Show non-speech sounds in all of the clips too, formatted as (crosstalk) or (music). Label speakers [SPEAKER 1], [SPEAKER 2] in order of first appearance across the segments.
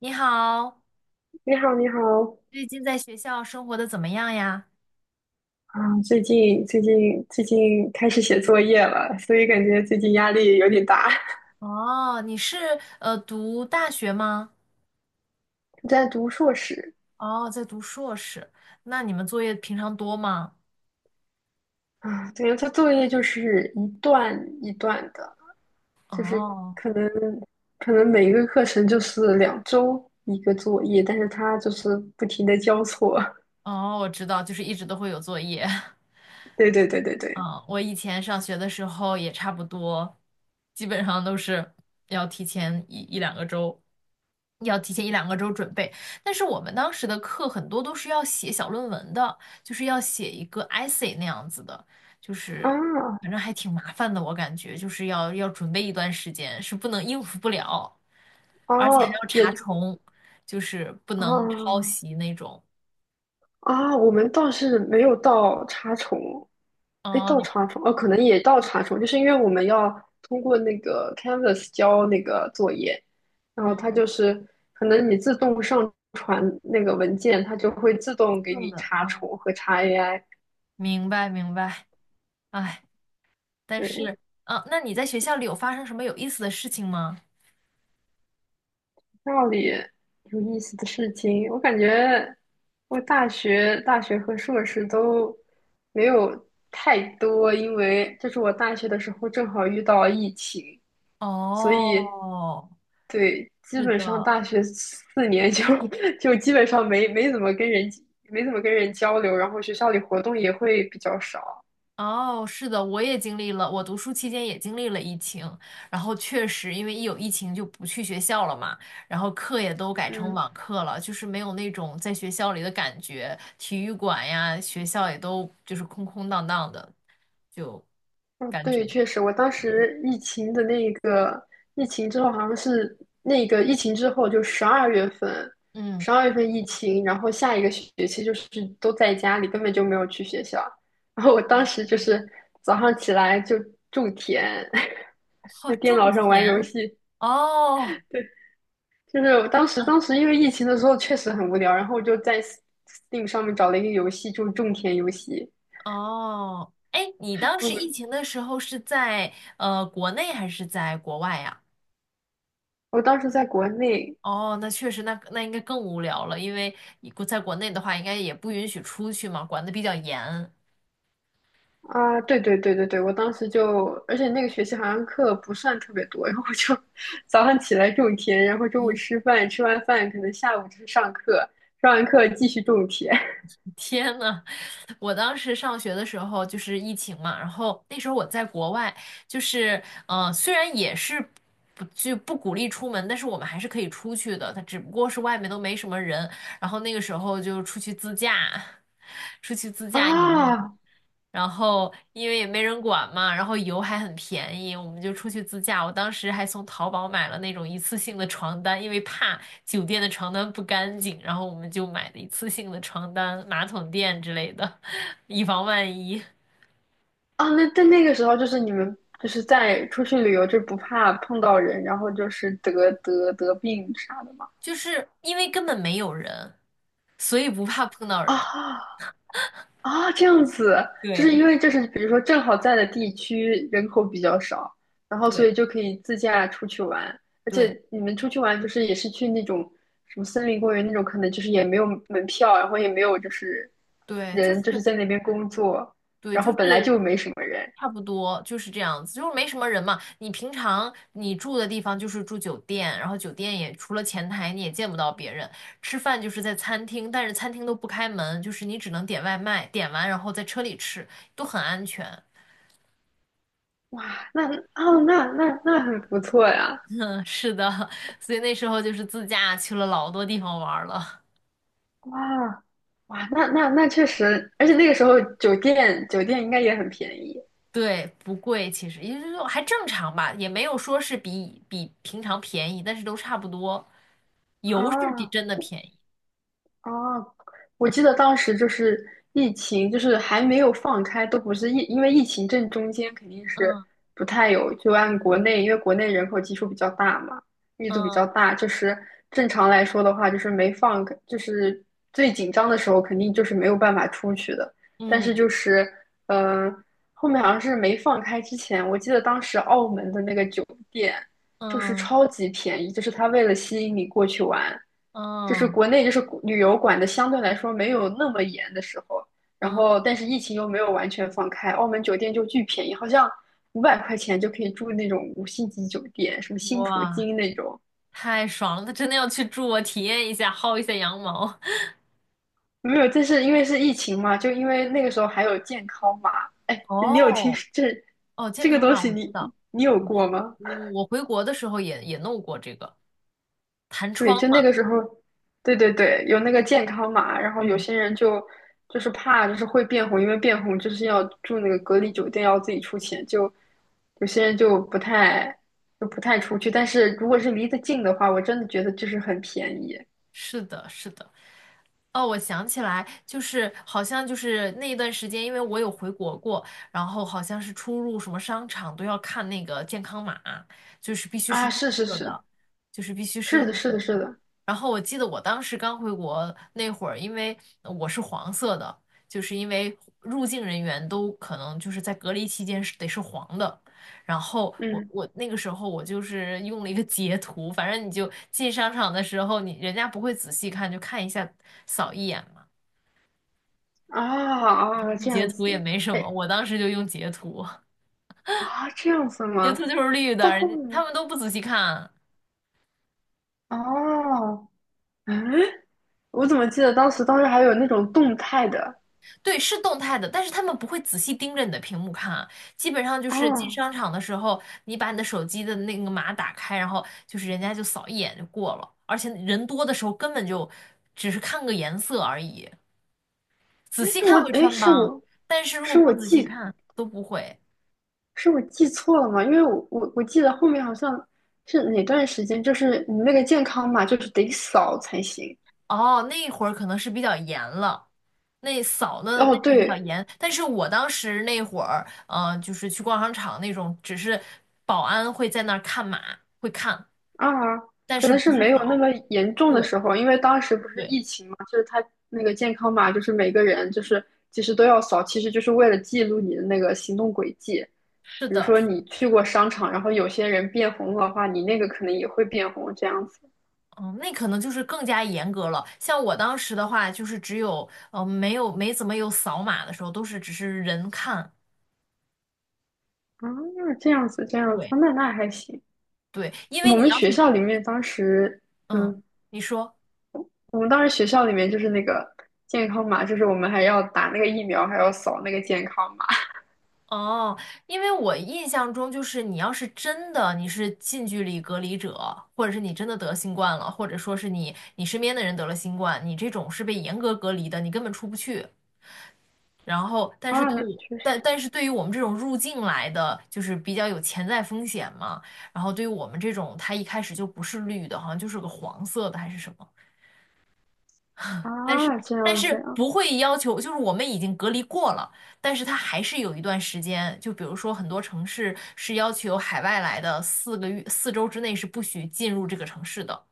[SPEAKER 1] 你好，
[SPEAKER 2] 你好，你好。
[SPEAKER 1] 最近在学校生活的怎么样呀？
[SPEAKER 2] 啊，最近开始写作业了，所以感觉最近压力有点大。
[SPEAKER 1] 哦，你是读大学吗？
[SPEAKER 2] (laughs) 在读硕士。
[SPEAKER 1] 哦，在读硕士。那你们作业平常多吗？
[SPEAKER 2] 啊，对，他作业就是一段一段的，就是
[SPEAKER 1] 哦
[SPEAKER 2] 可能可能每一个课程就是2周一个作业，但是他就是不停的交错。(laughs)
[SPEAKER 1] 哦，我知道，就是一直都会有作业。(laughs)
[SPEAKER 2] 对对对对对，
[SPEAKER 1] 嗯，我以前上学的时候也差不多，基本上都是要提前一一两个周，要提前一两个周准备。但是我们当时的课很多都是要写小论文的，就是要写一个 essay 那样子的，就是
[SPEAKER 2] 啊
[SPEAKER 1] 反正还挺麻烦的，我感觉就是要准备一段时间，是不能应付不了，而且还
[SPEAKER 2] 哦，
[SPEAKER 1] 要查
[SPEAKER 2] 也
[SPEAKER 1] 重，就是不能抄
[SPEAKER 2] 啊。
[SPEAKER 1] 袭那种。
[SPEAKER 2] 啊，我们倒是没有到查重，哎，
[SPEAKER 1] 哦，
[SPEAKER 2] 到
[SPEAKER 1] 你
[SPEAKER 2] 查重哦，可能也到查重，就是因为我们要通过那个 Canvas 交那个作业，然后
[SPEAKER 1] 嗯，
[SPEAKER 2] 它就是可能你自动上传那个文件，它就会自动给
[SPEAKER 1] 弄
[SPEAKER 2] 你
[SPEAKER 1] 的，
[SPEAKER 2] 查
[SPEAKER 1] 哦，
[SPEAKER 2] 重和查 AI。
[SPEAKER 1] 明白明白。唉但
[SPEAKER 2] 对，
[SPEAKER 1] 是，嗯，那你在学校里有发生什么有意思的事情吗？
[SPEAKER 2] 道理有意思的事情，我感觉我大学和硕士都没有太多，因为就是我大学的时候正好遇到疫情，所以
[SPEAKER 1] 哦，
[SPEAKER 2] 对，基
[SPEAKER 1] 是
[SPEAKER 2] 本上
[SPEAKER 1] 的，
[SPEAKER 2] 大学4年就 (laughs) 就基本上没怎么跟人交流，然后学校里活动也会比较少。
[SPEAKER 1] 哦，是的，我也经历了，我读书期间也经历了疫情，然后确实因为一有疫情就不去学校了嘛，然后课也都改成
[SPEAKER 2] 嗯，
[SPEAKER 1] 网课了，就是没有那种在学校里的感觉，体育馆呀，学校也都就是空空荡荡的，就
[SPEAKER 2] 哦，
[SPEAKER 1] 感觉，
[SPEAKER 2] 对，确实，我当
[SPEAKER 1] 对，
[SPEAKER 2] 时疫情的那个疫情之后，好像是那个疫情之后，就十二月份，
[SPEAKER 1] 嗯，
[SPEAKER 2] 十二月份疫情，然后下一个学期就是都在家里，根本就没有去学校。然后我当时就是早上起来就种田，
[SPEAKER 1] 哦，
[SPEAKER 2] (laughs) 在电
[SPEAKER 1] 种
[SPEAKER 2] 脑上玩游
[SPEAKER 1] 田，
[SPEAKER 2] 戏。
[SPEAKER 1] 哦。
[SPEAKER 2] 对，就是我当时因为疫情的时候确实很无聊，然后我就在 Steam 上面找了一个游戏，就是种田游戏。
[SPEAKER 1] 哦，哎，你当时疫
[SPEAKER 2] 我
[SPEAKER 1] 情的时候是在国内还是在国外呀？
[SPEAKER 2] 我当时在国内。
[SPEAKER 1] 哦，那确实那应该更无聊了，因为你在国内的话，应该也不允许出去嘛，管得比较严。
[SPEAKER 2] 啊，对对对对对，我当时就，而且那个学期好像课不算特别多，(laughs) 然后我就 (laughs) 早上起来种田，然后中午吃饭，吃完饭可能下午就是上课，上完课继续种田。
[SPEAKER 1] (laughs) 天呐，我当时上学的时候就是疫情嘛，然后那时候我在国外，就是虽然也是不就不鼓励出门，但是我们还是可以出去的，它只不过是外面都没什么人，然后那个时候就出去自驾，(laughs) 出去自
[SPEAKER 2] (laughs)
[SPEAKER 1] 驾以后。
[SPEAKER 2] 啊
[SPEAKER 1] 然后因为也没人管嘛，然后油还很便宜，我们就出去自驾。我当时还从淘宝买了那种一次性的床单，因为怕酒店的床单不干净，然后我们就买的一次性的床单、马桶垫之类的，(laughs) 以防万一。
[SPEAKER 2] 啊，那在那个时候就是你们就是在出去旅游就不怕碰到人，然后就是得病啥的吗？
[SPEAKER 1] 就是因为根本没有人，所以不怕碰到人。
[SPEAKER 2] 啊啊，这样子。就是
[SPEAKER 1] 对
[SPEAKER 2] 因为这是比如说正好在的地区人口比较少，然后所以
[SPEAKER 1] 对
[SPEAKER 2] 就可以自驾出去玩，而
[SPEAKER 1] 对
[SPEAKER 2] 且你们出去玩就是也是去那种什么森林公园那种，可能就是也没有门票，然后也没有就是
[SPEAKER 1] 对，就
[SPEAKER 2] 人就是
[SPEAKER 1] 是。
[SPEAKER 2] 在那边工作，
[SPEAKER 1] 对，
[SPEAKER 2] 然
[SPEAKER 1] 就
[SPEAKER 2] 后本来
[SPEAKER 1] 是
[SPEAKER 2] 就没什么人。
[SPEAKER 1] 差不多就是这样子，就是没什么人嘛。你平常你住的地方就是住酒店，然后酒店也除了前台你也见不到别人，吃饭就是在餐厅，但是餐厅都不开门，就是你只能点外卖，点完然后在车里吃，都很安全。
[SPEAKER 2] 哇，那哦那很不错呀。
[SPEAKER 1] 嗯，是的，(laughs) 所以那时候就是自驾去了老多地方玩儿了。
[SPEAKER 2] 哇哇那确实，而且那个时候酒店应该也很便宜。
[SPEAKER 1] 对，不贵，其实也就是说还正常吧，也没有说是比平常便宜，但是都差不多。油是比
[SPEAKER 2] 啊
[SPEAKER 1] 真的便宜。
[SPEAKER 2] 哦，我记得当时就是疫情，就是还没有放开，都不是疫，因为疫情正中间肯定是
[SPEAKER 1] 嗯
[SPEAKER 2] 不太有，就按国内，因为国内人口基数比较大嘛，密度比较
[SPEAKER 1] 嗯。
[SPEAKER 2] 大，就是正常来说的话，就是没放开就是最紧张的时候肯定就是没有办法出去的，但是
[SPEAKER 1] 嗯
[SPEAKER 2] 就是，呃，后面好像是没放开之前，我记得当时澳门的那个酒店。就是
[SPEAKER 1] 嗯
[SPEAKER 2] 超级便宜，就是他为了吸引你过去玩，就是
[SPEAKER 1] 嗯
[SPEAKER 2] 国内就是旅游管的相对来说没有那么严的时候，然后
[SPEAKER 1] 嗯，
[SPEAKER 2] 但是疫情又没有完全放开，澳门酒店就巨便宜，好像500块钱就可以住那种五星级酒店，什么新葡
[SPEAKER 1] 哇，
[SPEAKER 2] 京那种。
[SPEAKER 1] 太爽了！他真的要去住我体验一下，薅一下羊毛。(laughs)
[SPEAKER 2] 没有，这是因为是疫情嘛，就因为那个时候还有健康码。哎，你有听
[SPEAKER 1] 哦
[SPEAKER 2] 这
[SPEAKER 1] 哦，健
[SPEAKER 2] 这个
[SPEAKER 1] 康
[SPEAKER 2] 东
[SPEAKER 1] 码
[SPEAKER 2] 西
[SPEAKER 1] 我知
[SPEAKER 2] 你
[SPEAKER 1] 道，
[SPEAKER 2] 你有
[SPEAKER 1] 我知，
[SPEAKER 2] 过吗？
[SPEAKER 1] 嗯我回国的时候也弄过这个弹
[SPEAKER 2] 对，
[SPEAKER 1] 窗
[SPEAKER 2] 就
[SPEAKER 1] 嘛。
[SPEAKER 2] 那个时候，对对对，有那个健康码，然后有
[SPEAKER 1] 嗯，
[SPEAKER 2] 些人就是怕就是会变红，因为变红就是要住那个隔离酒店，要自己出钱，就有些人就不太出去。但是如果是离得近的话，我真的觉得就是很便宜。
[SPEAKER 1] 是的，是的。哦，我想起来，就是好像就是那一段时间，因为我有回国过，然后好像是出入什么商场都要看那个健康码，就是必须是
[SPEAKER 2] 啊！
[SPEAKER 1] 绿
[SPEAKER 2] 是是
[SPEAKER 1] 色
[SPEAKER 2] 是，
[SPEAKER 1] 的，就是必须是
[SPEAKER 2] 是的，
[SPEAKER 1] 绿
[SPEAKER 2] 是
[SPEAKER 1] 色的。
[SPEAKER 2] 的，是的，
[SPEAKER 1] 然后我记得我当时刚回国那会儿，因为我是黄色的，就是因为入境人员都可能就是在隔离期间是得是黄的。然后我
[SPEAKER 2] 嗯
[SPEAKER 1] 我那个时候我就是用了一个截图，反正你就进商场的时候，你人家不会仔细看，就看一下扫一眼嘛，
[SPEAKER 2] 啊啊，
[SPEAKER 1] 用
[SPEAKER 2] 这
[SPEAKER 1] 截
[SPEAKER 2] 样
[SPEAKER 1] 图也
[SPEAKER 2] 子，
[SPEAKER 1] 没什么。
[SPEAKER 2] 哎
[SPEAKER 1] 我当时就用截图，
[SPEAKER 2] 啊，这样子
[SPEAKER 1] 截图
[SPEAKER 2] 吗？
[SPEAKER 1] 就是绿的，
[SPEAKER 2] 到
[SPEAKER 1] 人
[SPEAKER 2] 后
[SPEAKER 1] 家他
[SPEAKER 2] 面
[SPEAKER 1] 们都不仔细看。
[SPEAKER 2] 哦，嗯，我怎么记得当时还有那种动态的
[SPEAKER 1] 对，是动态的，但是他们不会仔细盯着你的屏幕看啊。基本上就是进
[SPEAKER 2] 哦。
[SPEAKER 1] 商场的时候，你把你的手机的那个码打开，然后就是人家就扫一眼就过了，而且人多的时候根本就只是看个颜色而已，仔细看会
[SPEAKER 2] 哎，
[SPEAKER 1] 穿
[SPEAKER 2] 是
[SPEAKER 1] 帮，
[SPEAKER 2] 我
[SPEAKER 1] 但是如果
[SPEAKER 2] 是
[SPEAKER 1] 不
[SPEAKER 2] 我
[SPEAKER 1] 仔细
[SPEAKER 2] 记
[SPEAKER 1] 看都不会。
[SPEAKER 2] 是我记错了吗？因为我记得后面好像是哪段时间，就是你那个健康码就是得扫才行。
[SPEAKER 1] 哦，那会儿可能是比较严了，那扫的那
[SPEAKER 2] 哦，
[SPEAKER 1] 是比较
[SPEAKER 2] 对
[SPEAKER 1] 严，但是我当时那会儿，就是去逛商场那种，只是保安会在那儿看码，会看，
[SPEAKER 2] 啊，
[SPEAKER 1] 但
[SPEAKER 2] 可
[SPEAKER 1] 是
[SPEAKER 2] 能
[SPEAKER 1] 不
[SPEAKER 2] 是
[SPEAKER 1] 是
[SPEAKER 2] 没有那
[SPEAKER 1] 扫。
[SPEAKER 2] 么严重的
[SPEAKER 1] 对
[SPEAKER 2] 时候，因为当时不是
[SPEAKER 1] 对，
[SPEAKER 2] 疫情嘛，那个健康码就是每个人就是其实都要扫，其实就是为了记录你的那个行动轨迹。
[SPEAKER 1] 是
[SPEAKER 2] 比如
[SPEAKER 1] 的，
[SPEAKER 2] 说你去过商场，然后有些人变红的话，你那个可能也会变红这样子。
[SPEAKER 1] 嗯，那可能就是更加严格了。像我当时的话，就是只有没怎么有扫码的时候，都是只是人看。
[SPEAKER 2] 啊，这样子，
[SPEAKER 1] 对
[SPEAKER 2] 那还行。
[SPEAKER 1] 对，因
[SPEAKER 2] 我
[SPEAKER 1] 为你
[SPEAKER 2] 们
[SPEAKER 1] 要
[SPEAKER 2] 学
[SPEAKER 1] 是
[SPEAKER 2] 校里面当时，
[SPEAKER 1] 嗯，
[SPEAKER 2] 嗯，
[SPEAKER 1] 你说。
[SPEAKER 2] 我们当时学校里面就是那个健康码，就是我们还要打那个疫苗，还要扫那个健康码。
[SPEAKER 1] 哦，因为我印象中就是你要是真的你是近距离隔离者，或者是你真的得新冠了，或者说是你身边的人得了新冠，你这种是被严格隔离的，你根本出不去。然后，但
[SPEAKER 2] 啊，
[SPEAKER 1] 是
[SPEAKER 2] 那确
[SPEAKER 1] 但
[SPEAKER 2] 实。
[SPEAKER 1] 但是对于我们这种入境来的，就是比较有潜在风险嘛。然后对于我们这种，它一开始就不是绿的，好像就是个黄色的还是什么。但是
[SPEAKER 2] 啊，这
[SPEAKER 1] 但
[SPEAKER 2] 样这
[SPEAKER 1] 是
[SPEAKER 2] 样
[SPEAKER 1] 不会要求，就是我们已经隔离过了，但是它还是有一段时间，就比如说很多城市是要求海外来的4个月4周之内是不许进入这个城市的，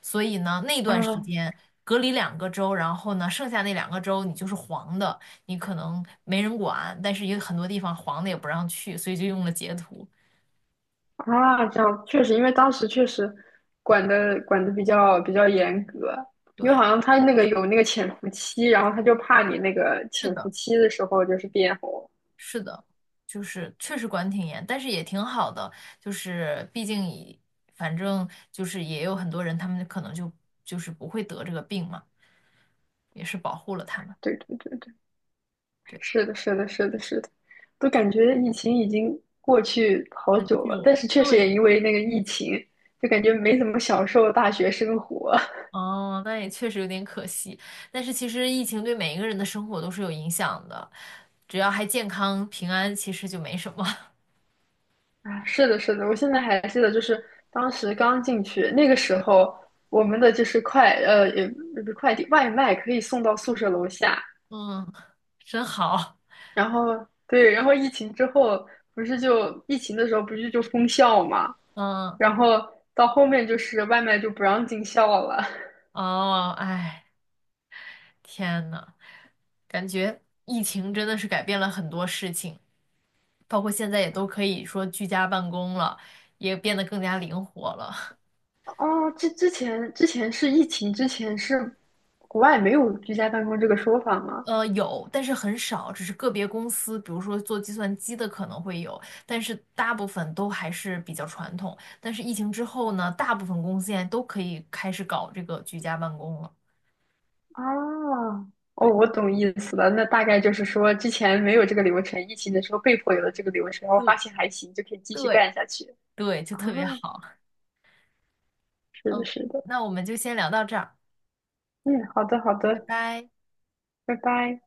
[SPEAKER 1] 所以呢那段时
[SPEAKER 2] 啊
[SPEAKER 1] 间隔离两个周，然后呢剩下那两个周你就是黄的，你可能没人管，但是也有很多地方黄的也不让去，所以就用了截图。
[SPEAKER 2] 啊，这样确实，因为当时确实管的比较严格，因为好
[SPEAKER 1] 对，
[SPEAKER 2] 像他那个有那个潜伏期，然后他就怕你那个
[SPEAKER 1] 是
[SPEAKER 2] 潜伏
[SPEAKER 1] 的。
[SPEAKER 2] 期的时候就是变红。
[SPEAKER 1] 是的，就是确实管挺严，但是也挺好的，就是毕竟反正就是也有很多人，他们可能就是不会得这个病嘛，也是保护了他们。
[SPEAKER 2] 对对对。
[SPEAKER 1] 对，
[SPEAKER 2] 是的，是的，是的，是的，都感觉疫情已经过去好
[SPEAKER 1] 很
[SPEAKER 2] 久了，
[SPEAKER 1] 久
[SPEAKER 2] 但
[SPEAKER 1] 了。
[SPEAKER 2] 是确实也
[SPEAKER 1] 对，
[SPEAKER 2] 因为那个疫情，就感觉没怎么享受大学生活。 (laughs)
[SPEAKER 1] 哦，那也确实有点可惜，但是其实疫情对每一个人的生活都是有影响的，只要还健康平安，其实就没什么。(laughs)
[SPEAKER 2] 啊。是的，是的，我现在还记得，就是当时刚进去那个时候，我们的就是也不是快递，外卖可以送到宿舍楼下。
[SPEAKER 1] 嗯，真好。
[SPEAKER 2] 然后对，然后疫情之后不是就疫情的时候不是就封校嘛，
[SPEAKER 1] 嗯，
[SPEAKER 2] 然后到后面就是外卖就不让进校了。
[SPEAKER 1] 哦，哎，天呐，感觉疫情真的是改变了很多事情。包括现在也都可以说居家办公了，也变得更加灵活了。
[SPEAKER 2] 哦，之前是疫情之前是国外没有居家办公这个说法吗？
[SPEAKER 1] 有，但是很少，只是个别公司，比如说做计算机的可能会有，但是大部分都还是比较传统。但是疫情之后呢，大部分公司现在都可以开始搞这个居家办公了。
[SPEAKER 2] 啊，哦，
[SPEAKER 1] 对，
[SPEAKER 2] 我懂意思了。那大概就是说，之前没有这个流程，疫情的时候被迫有了这个流程，然后发
[SPEAKER 1] 对，
[SPEAKER 2] 现还行，就可以继续
[SPEAKER 1] 对，
[SPEAKER 2] 干下去。
[SPEAKER 1] 对，就
[SPEAKER 2] 啊，
[SPEAKER 1] 特别好。
[SPEAKER 2] 是的，
[SPEAKER 1] OK，
[SPEAKER 2] 是的。
[SPEAKER 1] 那我们就先聊到这儿，
[SPEAKER 2] 嗯，好的，好
[SPEAKER 1] 拜
[SPEAKER 2] 的，
[SPEAKER 1] 拜。
[SPEAKER 2] 拜拜。